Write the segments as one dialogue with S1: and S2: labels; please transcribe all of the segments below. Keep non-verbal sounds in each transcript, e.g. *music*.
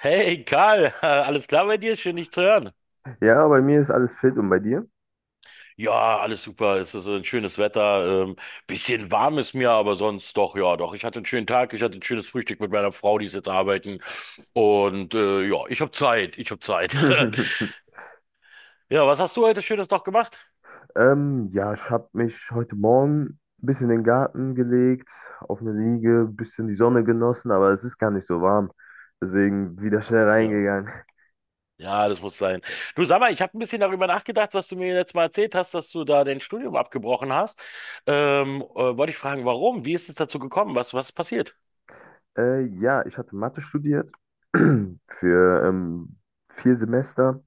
S1: Hey Karl, *laughs* alles klar bei dir? Schön dich zu hören.
S2: Ja, bei mir ist alles fit und bei dir?
S1: Ja, alles super. Es ist ein schönes Wetter. Bisschen warm ist mir, aber sonst doch, ja, doch. Ich hatte einen schönen Tag. Ich hatte ein schönes Frühstück mit meiner Frau, die ist jetzt arbeiten. Und ja, ich habe Zeit. Ich habe Zeit. *laughs*
S2: *laughs*
S1: Ja, was hast du heute Schönes noch gemacht?
S2: Ja, ich habe mich heute Morgen ein bisschen in den Garten gelegt, auf eine Liege, ein bisschen die Sonne genossen, aber es ist gar nicht so warm. Deswegen wieder schnell
S1: Ja.
S2: reingegangen.
S1: Ja, das muss sein. Du sag mal, ich habe ein bisschen darüber nachgedacht, was du mir letztes Mal erzählt hast, dass du da dein Studium abgebrochen hast. Wollte ich fragen, warum? Wie ist es dazu gekommen? Was ist passiert?
S2: Ja, ich hatte Mathe studiert *clears throat* für 4 Semester.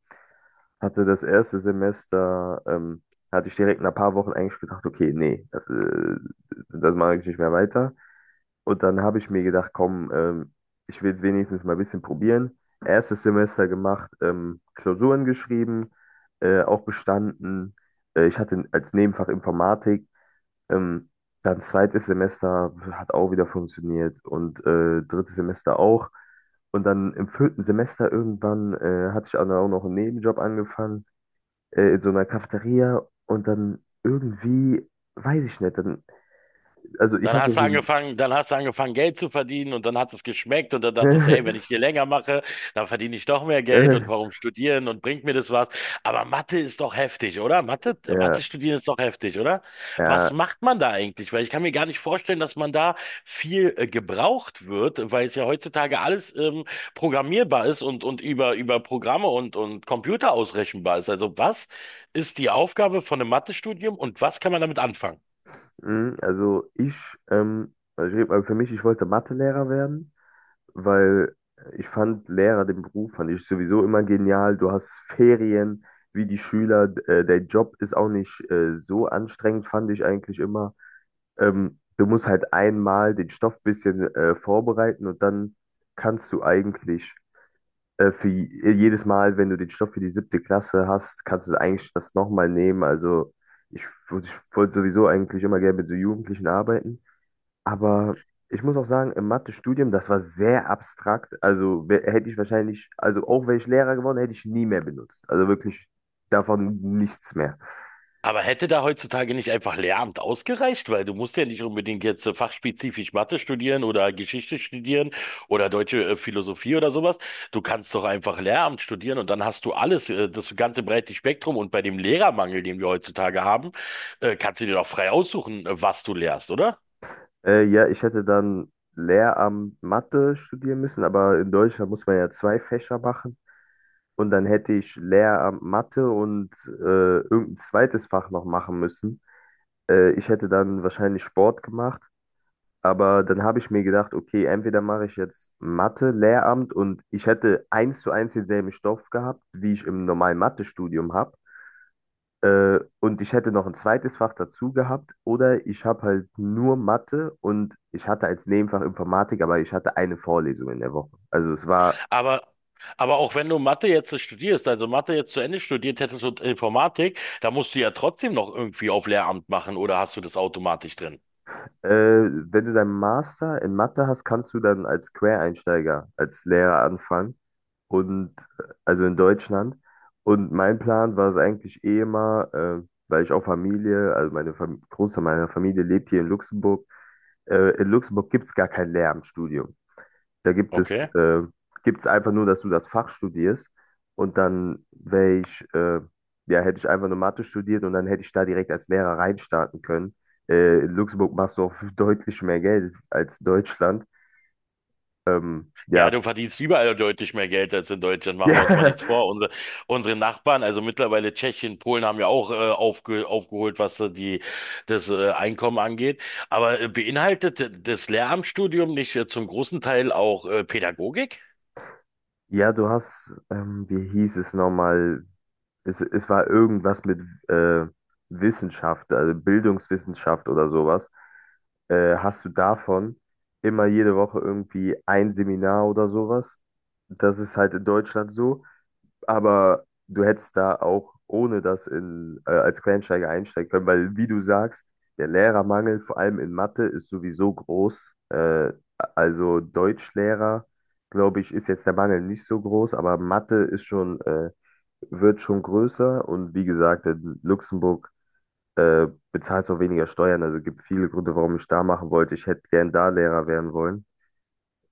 S2: Hatte das erste Semester, hatte ich direkt nach ein paar Wochen eigentlich gedacht, okay, nee, das mache ich nicht mehr weiter. Und dann habe ich mir gedacht, komm, ich will es wenigstens mal ein bisschen probieren. Erstes Semester gemacht, Klausuren geschrieben, auch bestanden. Ich hatte als Nebenfach Informatik. Ähm, Dann zweites Semester hat auch wieder funktioniert, und drittes Semester auch. Und dann im vierten Semester irgendwann hatte ich auch noch einen Nebenjob angefangen, in so einer Cafeteria. Und dann irgendwie, weiß ich nicht, dann, also ich hatte so, ein-
S1: Dann hast du angefangen, Geld zu verdienen und dann hat es geschmeckt und dann dachtest du, ey, wenn ich
S2: *laughs*
S1: hier länger mache, dann verdiene ich doch mehr Geld und
S2: äh,
S1: warum studieren und bringt mir das was? Aber Mathe ist doch heftig, oder? Mathe
S2: ja,
S1: studieren ist doch heftig, oder? Was
S2: ja.
S1: macht man da eigentlich? Weil ich kann mir gar nicht vorstellen, dass man da viel gebraucht wird, weil es ja heutzutage alles programmierbar ist und über Programme und Computer ausrechenbar ist. Also was ist die Aufgabe von einem Mathestudium und was kann man damit anfangen?
S2: Mm, also ich, ähm, also ich rede mal für mich, ich wollte Mathelehrer werden, weil ich fand Lehrer, den Beruf fand ich sowieso immer genial. Du hast Ferien, wie die Schüler, der Job ist auch nicht so anstrengend, fand ich eigentlich immer. Du musst halt einmal den Stoff ein bisschen vorbereiten, und dann kannst du eigentlich. Für jedes Mal, wenn du den Stoff für die siebte Klasse hast, kannst du eigentlich das nochmal nehmen. Also ich, ich wollte sowieso eigentlich immer gerne mit so Jugendlichen arbeiten. Aber ich muss auch sagen, im Mathe-Studium, das war sehr abstrakt. Also hätte ich wahrscheinlich, also auch wäre ich Lehrer geworden, hätte ich nie mehr benutzt. Also wirklich davon nichts mehr.
S1: Aber hätte da heutzutage nicht einfach Lehramt ausgereicht? Weil du musst ja nicht unbedingt jetzt fachspezifisch Mathe studieren oder Geschichte studieren oder deutsche Philosophie oder sowas. Du kannst doch einfach Lehramt studieren und dann hast du alles, das ganze breite Spektrum. Und bei dem Lehrermangel, den wir heutzutage haben, kannst du dir doch frei aussuchen, was du lehrst, oder?
S2: Ja, ich hätte dann Lehramt Mathe studieren müssen, aber in Deutschland muss man ja zwei Fächer machen. Und dann hätte ich Lehramt Mathe und irgendein zweites Fach noch machen müssen. Ich hätte dann wahrscheinlich Sport gemacht. Aber dann habe ich mir gedacht, okay, entweder mache ich jetzt Mathe, Lehramt, und ich hätte eins zu eins denselben Stoff gehabt, wie ich im normalen Mathestudium habe. Und ich hätte noch ein zweites Fach dazu gehabt. Oder ich habe halt nur Mathe, und ich hatte als Nebenfach Informatik, aber ich hatte eine Vorlesung in der Woche. Also es war.
S1: Aber Aber auch wenn du Mathe jetzt studierst, also Mathe jetzt zu Ende studiert hättest und Informatik, da musst du ja trotzdem noch irgendwie auf Lehramt machen oder hast du das automatisch drin?
S2: Wenn du deinen Master in Mathe hast, kannst du dann als Quereinsteiger, als Lehrer anfangen. Und also in Deutschland. Und mein Plan war es eigentlich eh immer, weil ich auch Familie, also meine Fam Großteil meiner Familie lebt hier in Luxemburg. In Luxemburg gibt es gar kein Lehramtsstudium. Da
S1: Okay.
S2: gibt's einfach nur, dass du das Fach studierst, und dann wäre ich, ja, hätte ich einfach nur Mathe studiert, und dann hätte ich da direkt als Lehrer reinstarten können. In Luxemburg machst du auch *laughs* deutlich mehr Geld als Deutschland.
S1: Ja,
S2: Ja.
S1: du
S2: *laughs*
S1: verdienst überall deutlich mehr Geld als in Deutschland, machen wir uns mal
S2: Ja,
S1: nichts vor. Unsere Nachbarn, also mittlerweile Tschechien, Polen haben ja auch aufgeholt, was das Einkommen angeht. Aber beinhaltet das Lehramtsstudium nicht zum großen Teil auch Pädagogik?
S2: ja, du hast, wie hieß es nochmal? Es war irgendwas mit äh, Wissenschaft, also Bildungswissenschaft oder sowas. Hast du davon immer jede Woche irgendwie ein Seminar oder sowas. Das ist halt in Deutschland so, aber du hättest da auch ohne das in, als Quereinsteiger einsteigen können, weil, wie du sagst, der Lehrermangel, vor allem in Mathe, ist sowieso groß. Also Deutschlehrer, glaube ich, ist jetzt der Mangel nicht so groß, aber Mathe ist schon, wird schon größer, und, wie gesagt, in Luxemburg äh, bezahlst auch weniger Steuern. Also gibt viele Gründe, warum ich da machen wollte. Ich hätte gern da Lehrer werden wollen.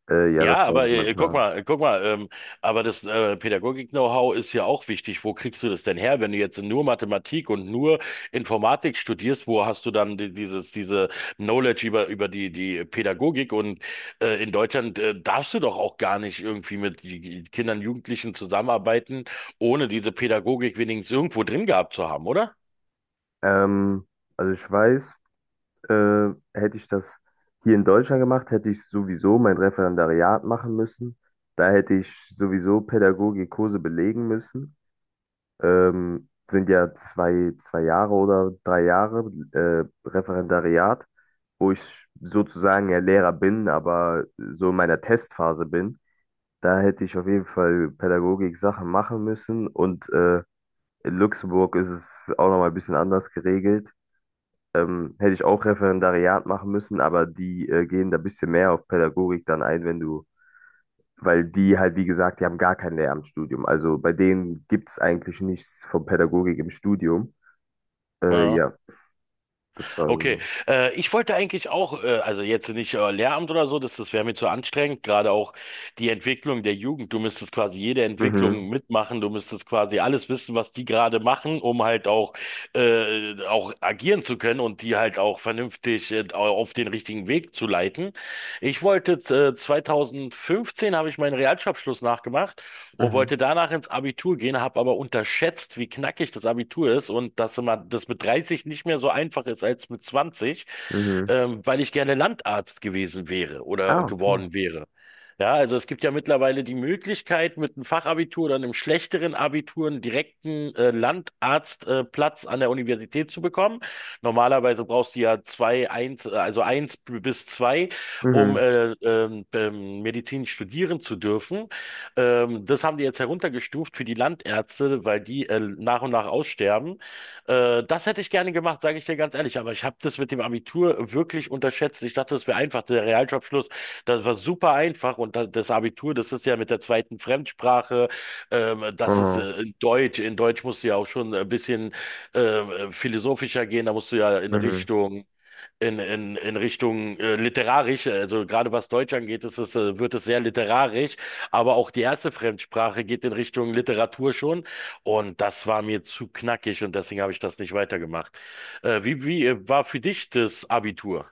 S2: Ja,
S1: Ja,
S2: das war
S1: aber
S2: so mein
S1: guck
S2: Plan.
S1: mal, aber das Pädagogik-Know-how ist ja auch wichtig. Wo kriegst du das denn her, wenn du jetzt nur Mathematik und nur Informatik studierst? Wo hast du dann diese Knowledge über die Pädagogik? Und in Deutschland darfst du doch auch gar nicht irgendwie mit die Kindern, Jugendlichen zusammenarbeiten, ohne diese Pädagogik wenigstens irgendwo drin gehabt zu haben, oder?
S2: Ähm, also ich weiß, hätte ich das hier in Deutschland gemacht, hätte ich sowieso mein Referendariat machen müssen. Da hätte ich sowieso Pädagogikkurse belegen müssen. Sind ja zwei Jahre oder 3 Jahre Referendariat, wo ich sozusagen ja Lehrer bin, aber so in meiner Testphase bin. Da hätte ich auf jeden Fall Pädagogik-Sachen machen müssen. Und in Luxemburg ist es auch nochmal ein bisschen anders geregelt. Hätte ich auch Referendariat machen müssen, aber die gehen da ein bisschen mehr auf Pädagogik dann ein, wenn du, weil die halt, wie gesagt, die haben gar kein Lehramtsstudium. Also bei denen gibt es eigentlich nichts von Pädagogik im Studium.
S1: Ja.
S2: Ja, das war
S1: Okay,
S2: so.
S1: ich wollte eigentlich auch, also jetzt nicht Lehramt oder so, das wäre mir zu anstrengend, gerade auch die Entwicklung der Jugend. Du müsstest quasi jede
S2: Mhm,
S1: Entwicklung mitmachen, du müsstest quasi alles wissen, was die gerade machen, um halt auch agieren zu können und die halt auch vernünftig auf den richtigen Weg zu leiten. Ich wollte, 2015 habe ich meinen Realschulabschluss nachgemacht und
S2: mhm,
S1: wollte danach ins Abitur gehen, habe aber unterschätzt, wie knackig das Abitur ist und dass immer das mit 30 nicht mehr so einfach ist als mit 20,
S2: mhm.
S1: weil ich gerne Landarzt gewesen wäre oder
S2: Ah, okay.
S1: geworden wäre. Ja, also es gibt ja mittlerweile die Möglichkeit, mit einem Fachabitur oder einem schlechteren Abitur einen direkten Landarztplatz Platz an der Universität zu bekommen. Normalerweise brauchst du ja also eins bis zwei, um
S2: Mhm,
S1: Medizin studieren zu dürfen. Das haben die jetzt heruntergestuft für die Landärzte, weil die nach und nach aussterben. Das hätte ich gerne gemacht, sage ich dir ganz ehrlich. Aber ich habe das mit dem Abitur wirklich unterschätzt. Ich dachte, das wäre einfach. Der Realschulabschluss, das war super einfach. Und das Abitur, das ist ja mit der zweiten Fremdsprache. Das ist
S2: aha,
S1: in Deutsch. In Deutsch musst du ja auch schon ein bisschen philosophischer gehen. Da musst du ja
S2: mhm.
S1: In Richtung literarisch, also gerade was Deutsch angeht, wird es sehr literarisch, aber auch die erste Fremdsprache geht in Richtung Literatur schon und das war mir zu knackig und deswegen habe ich das nicht weitergemacht. Wie war für dich das Abitur?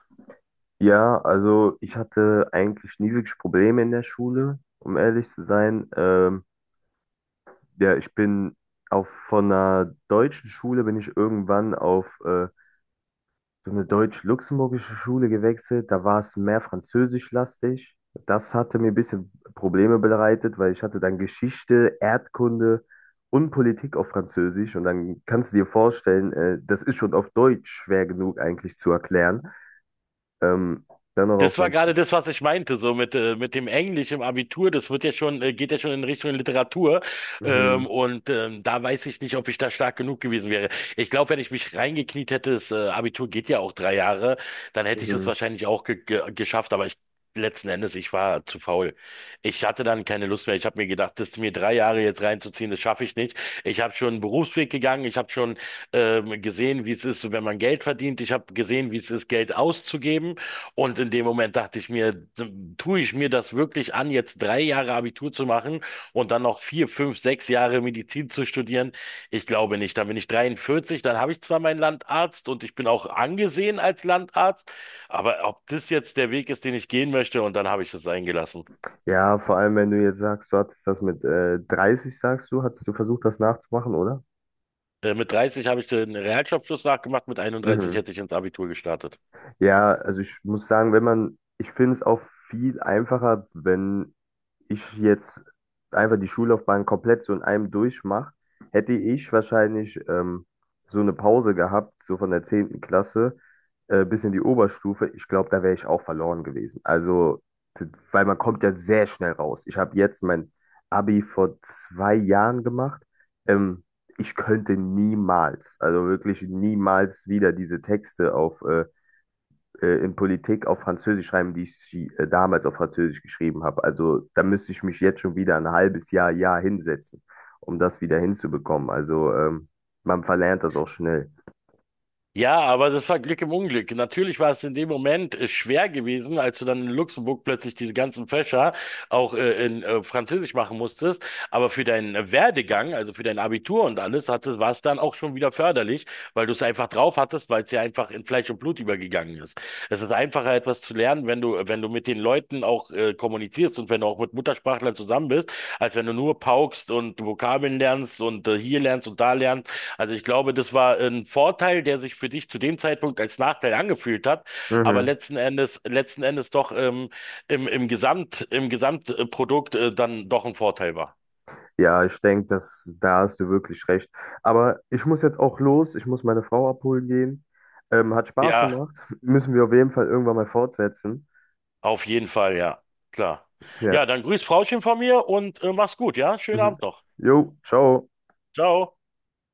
S2: Ja, also ich hatte eigentlich nie wirklich Probleme in der Schule, um ehrlich zu sein. Ja, ich bin auf von einer deutschen Schule bin ich irgendwann auf so eine deutsch-luxemburgische Schule gewechselt. Da war es mehr französischlastig. Das hatte mir ein bisschen Probleme bereitet, weil ich hatte dann Geschichte, Erdkunde und Politik auf Französisch. Und dann kannst du dir vorstellen, das ist schon auf Deutsch schwer genug eigentlich zu erklären. Ähm, Dann noch auf
S1: Das war gerade
S2: Französisch.
S1: das, was ich meinte, so mit dem Englisch im Abitur, das geht ja schon in Richtung Literatur. Ähm,
S2: Mhm.
S1: und da weiß ich nicht, ob ich da stark genug gewesen wäre. Ich glaube, wenn ich mich reingekniet hätte, das Abitur geht ja auch 3 Jahre, dann hätte ich das
S2: Mhm.
S1: wahrscheinlich auch ge ge geschafft, aber ich letzten Endes, ich war zu faul. Ich hatte dann keine Lust mehr. Ich habe mir gedacht, das mir 3 Jahre jetzt reinzuziehen, das schaffe ich nicht. Ich habe schon einen Berufsweg gegangen, ich habe schon gesehen, wie es ist, wenn man Geld verdient, ich habe gesehen, wie es ist, Geld auszugeben. Und in dem Moment dachte ich mir, tue ich mir das wirklich an, jetzt 3 Jahre Abitur zu machen und dann noch 4, 5, 6 Jahre Medizin zu studieren? Ich glaube nicht. Dann bin ich 43, dann habe ich zwar meinen Landarzt und ich bin auch angesehen als Landarzt, aber ob das jetzt der Weg ist, den ich gehen möchte, und dann habe ich es eingelassen.
S2: Ja, vor allem, wenn du jetzt sagst, du hattest das mit 30, sagst du, hattest du versucht, das nachzumachen, oder?
S1: Mit 30 habe ich den Realschulabschluss nachgemacht, mit 31
S2: Mhm.
S1: hätte ich ins Abitur gestartet.
S2: Ja, also ich muss sagen, wenn man, ich finde es auch viel einfacher, wenn ich jetzt einfach die Schullaufbahn komplett so in einem durchmache, hätte ich wahrscheinlich so eine Pause gehabt, so von der 10. Klasse bis in die Oberstufe. Ich glaube, da wäre ich auch verloren gewesen. Also, t- weil man kommt ja sehr schnell raus. Ich habe jetzt mein Abi vor 2 Jahren gemacht. Ähm, Ich könnte niemals, also wirklich niemals wieder diese Texte auf in Politik auf Französisch schreiben, die ich sie, damals auf Französisch geschrieben habe. Also da müsste ich mich jetzt schon wieder ein halbes Jahr, Jahr hinsetzen, um das wieder hinzubekommen. Also man verlernt das auch schnell.
S1: Ja, aber das war Glück im Unglück. Natürlich war es in dem Moment schwer gewesen, als du dann in Luxemburg plötzlich diese ganzen Fächer auch in Französisch machen musstest. Aber für deinen Werdegang, also für dein Abitur und alles, war es dann auch schon wieder förderlich, weil du es einfach drauf hattest, weil es ja einfach in Fleisch und Blut übergegangen ist. Es ist einfacher, etwas zu lernen, wenn du mit den Leuten auch kommunizierst und wenn du auch mit Muttersprachlern zusammen bist, als wenn du nur paukst und Vokabeln lernst und hier lernst und da lernst. Also ich glaube, das war ein Vorteil, der sich für dich zu dem Zeitpunkt als Nachteil angefühlt hat, aber
S2: Mhm.
S1: letzten Endes doch im Gesamtprodukt dann doch ein Vorteil war.
S2: Ja, ich denke, dass da hast du wirklich recht. Aber ich muss jetzt auch los. Ich muss meine Frau abholen gehen. Hat Spaß
S1: Ja,
S2: gemacht. *laughs* Müssen wir auf jeden Fall irgendwann mal fortsetzen.
S1: auf jeden Fall, ja, klar.
S2: Ja.
S1: Ja, dann grüß Frauchen von mir und mach's gut, ja? Schönen
S2: Mhm.
S1: Abend noch.
S2: Jo, ciao.
S1: Ciao.